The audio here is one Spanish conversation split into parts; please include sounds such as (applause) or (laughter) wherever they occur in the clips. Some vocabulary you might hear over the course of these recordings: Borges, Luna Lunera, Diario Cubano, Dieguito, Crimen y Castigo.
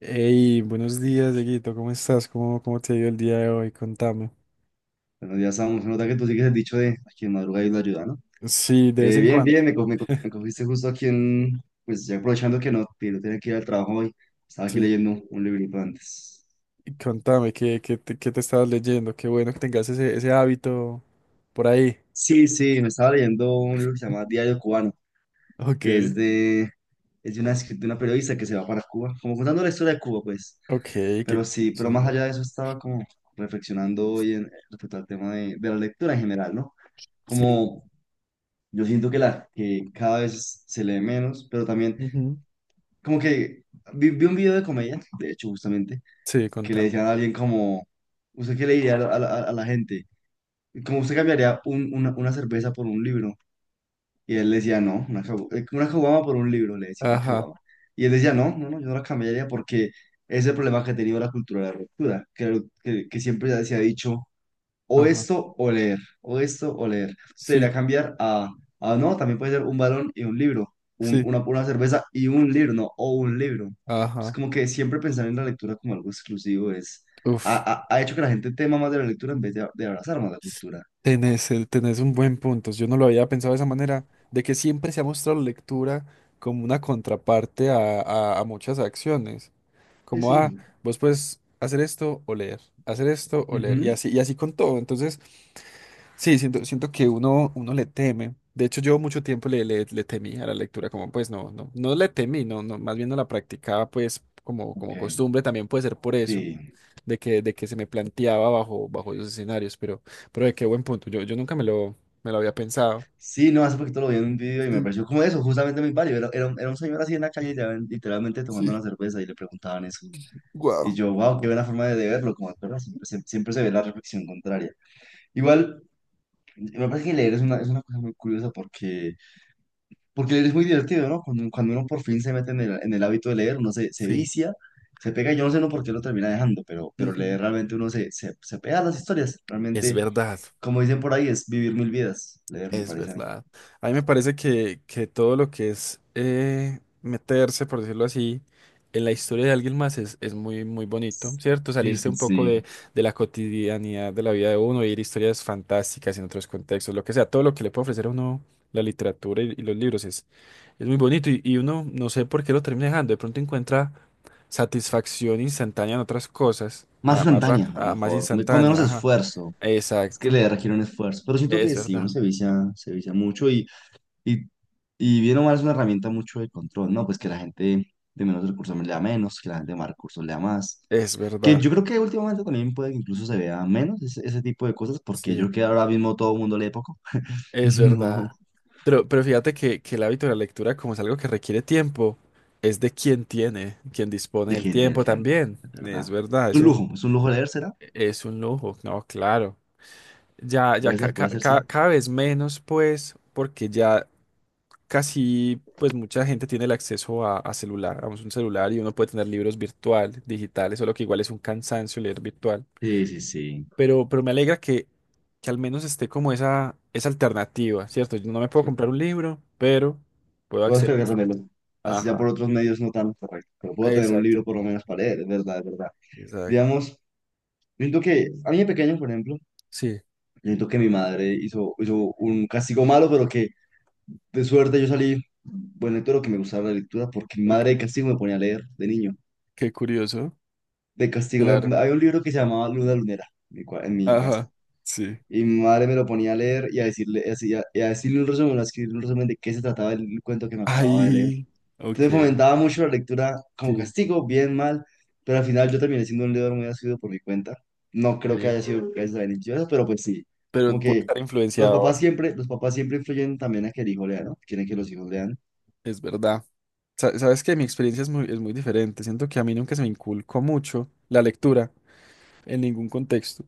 Hey, buenos días, Dieguito, ¿cómo estás? ¿Cómo te ha ido el día de hoy? Contame. Bueno, ya estamos, se nota que tú sigues el dicho de aquí en madruga y la ayuda, ¿no? Sí, de vez en Bien, cuando. bien, me (laughs) cogiste justo aquí en, pues ya aprovechando que no tenía que ir al trabajo hoy, estaba aquí Sí, leyendo un librito antes. y contame, ¿qué te estabas leyendo? Qué bueno que tengas ese hábito por ahí. Sí, sí, me estaba leyendo un libro que se llama Diario Cubano, Ok. que es de una, de una periodista que se va para Cuba, como contando la historia de Cuba, pues. Ok, qué, Pero qué sí, pero más chimbo. allá de eso estaba como reflexionando hoy en, respecto al tema de la lectura en general, ¿no? Sí. Como yo siento que cada vez se lee menos, pero también Ujú. como que vi un video de comedia, de hecho, justamente, Sí, que le contame. decían a alguien como, ¿usted qué le diría a la gente? Como usted cambiaría una cerveza por un libro. Y él le decía, no, una, una caguama por un libro, le decía, una Ajá, caguama. Y él decía, no, no, no, yo no la cambiaría porque es el problema que ha tenido la cultura de la ruptura, que siempre se ha dicho o ajá. esto o leer, o esto o leer. Usted irá a Sí, cambiar a no, también puede ser un balón y un libro, sí, una cerveza y un libro, no, o un libro. Es ajá. como que siempre pensar en la lectura como algo exclusivo es, Uf, ha hecho que la gente tema más de la lectura en vez de abrazar más la cultura. tenés un buen punto. Yo no lo había pensado de esa manera, de que siempre se ha mostrado la lectura como una contraparte a muchas acciones. Sí, Como, ah, sí. vos puedes hacer esto o leer, hacer esto o leer, Ujú, y así con todo. Entonces, sí, siento que uno le teme. De hecho, yo mucho tiempo le temí a la lectura, como pues no, no, no le temí, no, no, más bien no la practicaba pues como, ok, como costumbre, también puede ser por eso, sí. de que se me planteaba bajo, bajo esos escenarios, pero de qué buen punto, yo nunca me lo había pensado. Sí, no, hace poquito lo vi en un video y me Sí, pareció como eso, justamente muy válido. Era un señor así en la calle, ya, literalmente tomando sí. una cerveza y le preguntaban eso. Y Wow. yo, wow, qué buena forma de verlo, como autora, siempre se ve la reflexión contraria. Igual, me parece que leer es una cosa muy curiosa porque, porque leer es muy divertido, ¿no? Cuando uno por fin se mete en el hábito de leer, se Sí. vicia, se pega, yo no sé no por qué lo termina dejando, pero Ujú. leer realmente se pega a las historias. Es Realmente, verdad. como dicen por ahí, es vivir 1000 vidas, leer me Es parece a mí. verdad. A mí me parece que todo lo que es meterse, por decirlo así, en la historia de alguien más es muy, muy bonito, ¿cierto? Sí, Salirse sí, un poco sí. De la cotidianidad de la vida de uno, ir historias fantásticas en otros contextos, lo que sea, todo lo que le puede ofrecer a uno la literatura y los libros es muy bonito y uno no sé por qué lo termina dejando, de pronto encuentra satisfacción instantánea en otras cosas, Más más, más, instantánea, a lo más mejor, con menos instantánea, ajá. esfuerzo. Es que Exacto, leer requiere un esfuerzo, pero siento es que sí, uno verdad, se vicia mucho y Y, y bien o mal es una herramienta mucho de control, ¿no? Pues que la gente de menos recursos lea menos, que la gente de más recursos lea más. es Que verdad. yo creo que últimamente también puede que incluso se vea menos ese tipo de cosas, porque Sí. yo creo que ahora mismo todo el mundo lee poco. (laughs) Es No, verdad. Pero fíjate que el hábito de la lectura, como es algo que requiere tiempo, es de quien tiene, quien dispone de del quién tiene tiempo el tiempo, también. es Es verdad. verdad, eso Es un lujo leer, ¿será? es un lujo. No, claro. Ya, ya Puede ser, sí. cada vez menos, pues, porque ya casi, pues, mucha gente tiene el acceso a celular, a un celular y uno puede tener libros virtual, digitales, solo que igual es un cansancio leer virtual Sí, sí, sí. Pero me alegra que al menos esté como esa alternativa, ¿cierto? Yo no me puedo comprar un libro, pero puedo Puedo acceder. descargar también, así ya por Ajá, otros medios no tan correcto, pero puedo tener un exacto, libro por lo menos para leer, es verdad, es verdad. exacto. Digamos, siento que a mí de pequeño, por ejemplo, Sí, yo siento que mi madre hizo un castigo malo, pero que de suerte yo salí buen lector o que me gustaba la lectura, porque mi madre de ok. castigo me ponía a leer de niño. Qué curioso. De castigo, Claro. había un libro que se llamaba Luna Lunera en en mi casa. Ajá, sí. Y mi madre me lo ponía a leer y a decirle, y a decirle un resumen, a escribir un resumen de qué se trataba el cuento que me acababa de leer. Ahí, Entonces ok, fomentaba mucho la lectura como sí, castigo, bien, mal, pero al final yo terminé siendo un leidor muy asiduo por mi cuenta. No qué creo que bien. haya sido gracias a la iniciativa, pero pues sí, Pero como puedo que estar influenciado, los papás siempre influyen también a que el hijo lea, ¿no? Quieren que los hijos lean. es verdad. Sabes que mi experiencia es muy diferente. Siento que a mí nunca se me inculcó mucho la lectura en ningún contexto.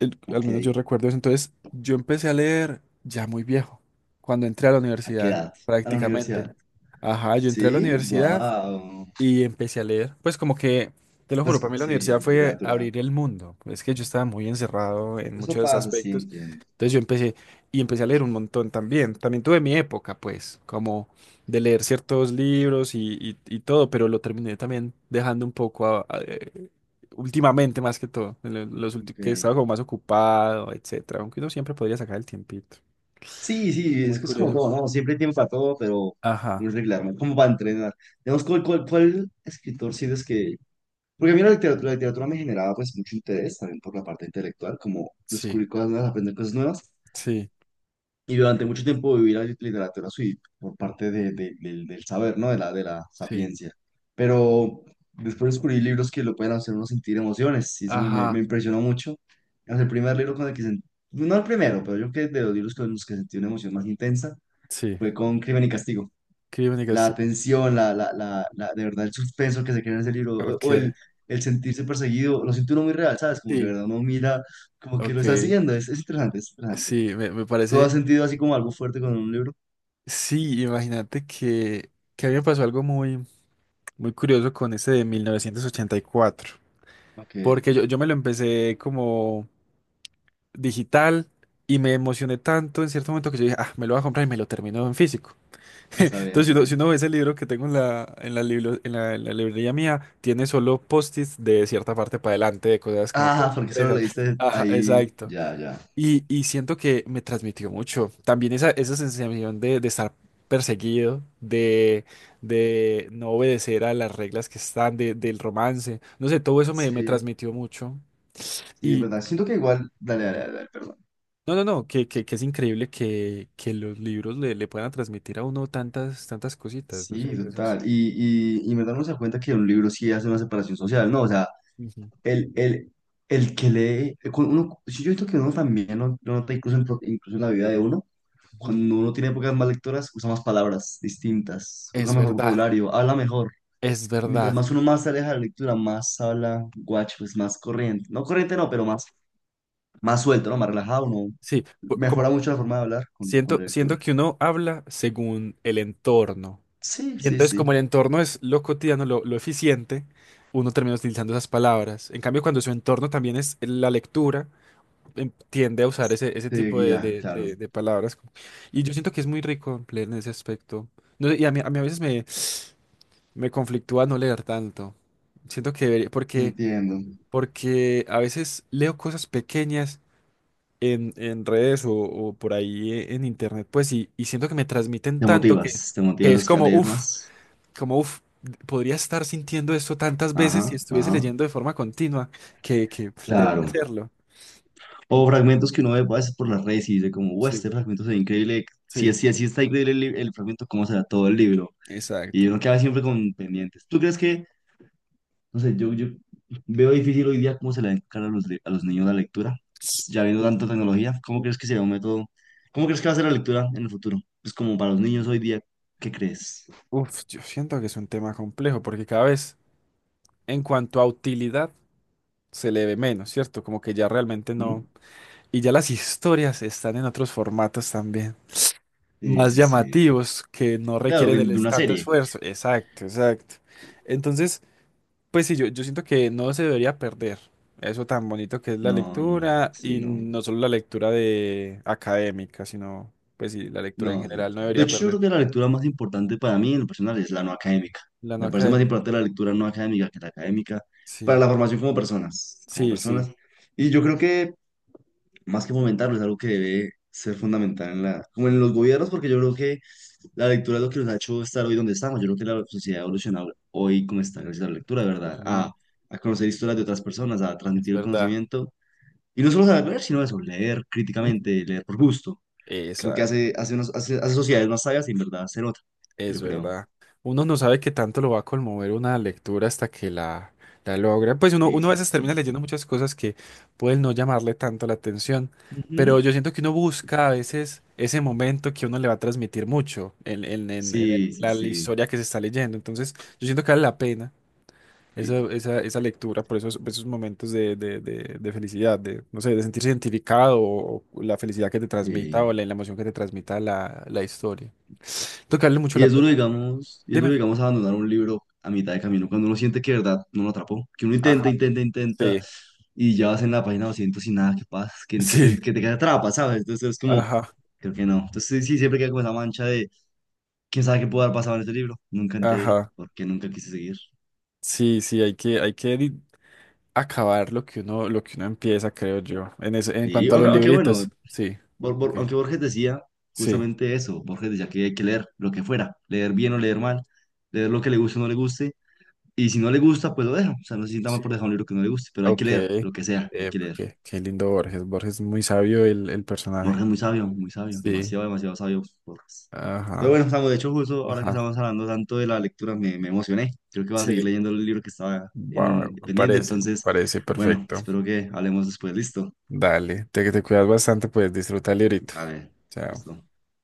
Al Ok, menos yo recuerdo eso. Entonces, yo empecé a leer ya muy viejo, cuando entré a la ¿a qué universidad, edad? A la prácticamente. universidad. Ajá, yo entré a la Sí, universidad wow. y empecé a leer, pues como que, te lo juro, para Pues mí la universidad sí, fue literatura. abrir el mundo. Es que yo estaba muy encerrado en Eso muchos pasa, sí, aspectos. entiendo. Entonces yo empecé y empecé a leer un montón también. También tuve mi época, pues, como de leer ciertos libros y todo, pero lo terminé también dejando un poco últimamente más que todo, en los últimos, que Okay. estaba como más ocupado, etcétera. Aunque uno siempre podría sacar el tiempito. Sí, sí, Muy es que es como curioso. todo, ¿no? Siempre hay tiempo para todo, pero Ajá, muy regular, ¿no? Como para entrenar. Digamos, ¿cuál escritor sientes que porque a mí la literatura me generaba pues mucho interés también por la parte intelectual, como sí, descubrir cosas nuevas, aprender cosas nuevas. sí, Y durante mucho tiempo viví la literatura sí, por parte del del saber, ¿no? De la sí. sapiencia. Pero después descubrí libros que lo pueden hacer uno sentir emociones y eso Ajá, me impresionó mucho. Es el primer libro con el que sentí, no el primero, pero yo creo que de los libros con los que sentí una emoción más intensa sí. fue con Crimen y Castigo. Crímenes. La atención, de verdad el suspenso que se crea en ese libro, Ok. o el sentirse perseguido, lo siente uno muy real, ¿sabes? Como que de Sí. verdad uno mira, como que lo está Ok. siguiendo, es interesante, es interesante. Sí, me ¿Tú has parece. sentido así como algo fuerte con un libro? Sí, imagínate que a mí me pasó algo muy, muy curioso con ese de 1984. Ok, no, Porque yo me lo empecé como digital y me emocioné tanto en cierto momento que yo dije, ah, me lo voy a comprar y me lo termino en físico. (laughs) está bien, Entonces, si está uno, si bien. uno ve ese libro que tengo en la, libro- en la librería mía, tiene solo post-its de cierta parte para adelante, de cosas como que Ah, porque solo interesan. leíste Ajá, ahí, exacto. ya, ya. Y siento que me transmitió mucho. También esa sensación de estar perseguido, de no obedecer a las reglas que están, del romance. No sé, todo eso me, me Sí, transmitió mucho. sí, de Y verdad, siento que igual, dale, dale, sí, dale, dale, perdón. no, no, no, que es increíble que los libros le puedan transmitir a uno tantas, tantas cositas. No sé, Sí, eso es. total. Y en verdad uno se da cuenta que un libro sí hace una separación social, ¿no? O sea, Ujú, El, el, el que lee, con uno, sí, yo siento que uno también lo nota incluso en, incluso en la vida de uno, ujú. cuando uno tiene épocas más lectoras, usa más palabras distintas, usa Es mejor verdad, vocabulario, habla mejor. es Mientras verdad. más uno más se aleja de la lectura, más habla guacho, pues más corriente. No corriente, no, pero más, más suelto, ¿no? Más relajado, uno Sí, mejora como mucho la forma de hablar con siento, la lectura. siento que uno habla según el entorno. Sí, Y sí, entonces, sí. como el entorno es lo cotidiano, lo eficiente, uno termina utilizando esas palabras. En cambio, cuando su entorno también es la lectura, tiende a usar ese, ese Te tipo de, guía, de- de- claro. de palabras. Y yo siento que es muy rico leer en ese aspecto. No sé, y a mí a veces me, me conflictúa no leer tanto. Siento que porque, Entiendo. porque a veces leo cosas pequeñas en redes o por ahí en internet, pues, y siento que me transmiten tanto Te que es motivas a como, leer uff, más. como, uff, podría estar sintiendo esto tantas veces si Ajá, estuviese ajá. leyendo de forma continua, que debería Claro. hacerlo. Mm. O fragmentos que uno ve a veces por las redes y dice como, wow, Sí, este fragmento se ve increíble. Sí, Si está increíble el fragmento, ¿cómo será todo el libro? Y exacto. uno queda siempre con pendientes. ¿Tú crees que, no sé, yo veo difícil hoy día cómo se le va a inculcar a a los niños la lectura? Sí. Ya viendo tanta tecnología, ¿cómo crees que será un método? ¿Cómo crees que va a ser la lectura en el futuro? Pues como para los niños hoy día, ¿qué crees? Uf, yo siento que es un tema complejo porque cada vez en cuanto a utilidad se le ve menos, ¿cierto? Como que ya realmente ¿Mm? no. Y ya las historias están en otros formatos también, Sí, más sí, sí. llamativos, que no Claro, requieren de una tanto serie. esfuerzo. Exacto, exacto. Entonces, pues sí, yo siento que no se debería perder eso tan bonito que es la No, no, lectura sí, y no. no solo la lectura de académica, sino pues sí, la lectura en No, sí. general no De debería hecho yo creo perder. que la lectura más importante para mí en lo personal es la no académica. La no Me parece más académica. importante la lectura no académica que la académica para Sí, la formación como personas, como sí, personas. sí. Y yo creo que más que fomentarlo es algo que debe ser fundamental en la, como en los gobiernos, porque yo creo que la lectura es lo que nos ha hecho estar hoy donde estamos. Yo creo que la sociedad ha evolucionado hoy como está gracias a la lectura, de verdad, Mm. a conocer historias de otras personas, a Es transmitir el verdad. conocimiento. Y no solo saber, sino eso, leer (laughs) Ujú. críticamente, leer por gusto. Creo que Exacto. hace, hace, hace sociedades más sabias y en verdad se nota, Es yo creo. verdad. Uno no sabe qué tanto lo va a conmover una lectura hasta que la logra. Pues uno, Sí, uno a sí, veces termina sí. leyendo muchas cosas que pueden no llamarle tanto la atención, pero Ujú. yo siento que uno busca a veces ese momento que uno le va a transmitir mucho en, en- en- en el- Sí, sí, la, sí. historia que se está leyendo. Entonces, yo siento que vale la pena esa, Y, esa, esa lectura por esos, esos momentos de, de felicidad, de, no sé, de sentirse identificado o la felicidad que te transmita o sí. la emoción que te transmita la, la historia. Tocarle mucho Y la es duro, pena. digamos, y es Dime. duro, digamos, abandonar un libro a mitad de camino cuando uno siente que de verdad no lo atrapó, que uno intenta, Ajá, intenta, intenta sí, y ya vas en la página 200 y nada, que pasa, sí, que te atrapa, ¿sabes? Entonces es como, ajá, creo que no. Entonces sí, sí, siempre queda como esa mancha de, ¿quién sabe qué pudo haber pasado en este libro? Nunca enteré, ajá. porque nunca quise seguir. Sí, sí, hay que acabar lo que uno empieza, creo yo. En eso, en Y cuanto a los aunque, aunque bueno, libritos, sí, ok, aunque Borges decía sí, justamente eso, Borges decía que hay que leer lo que fuera, leer bien o leer mal, leer lo que le guste o no le guste, y si no le gusta, pues lo deja, o sea, no se sienta mal sí, por dejar un libro que no le guste, pero hay que ok. leer lo que sea, hay que leer. Qué qué lindo Borges. Borges es muy sabio el personaje. Borges muy sabio, Sí, demasiado, demasiado sabio Borges. Pero ajá, bueno, estamos, de hecho, justo ahora que ajá. estamos hablando tanto de la lectura, me emocioné, creo que voy a seguir Sí, leyendo el libro que estaba va, en, pendiente, me entonces, parece bueno, perfecto. espero que hablemos después, listo, Dale, te cuidas bastante, pues disfruta el librito. vale, Chao. listo.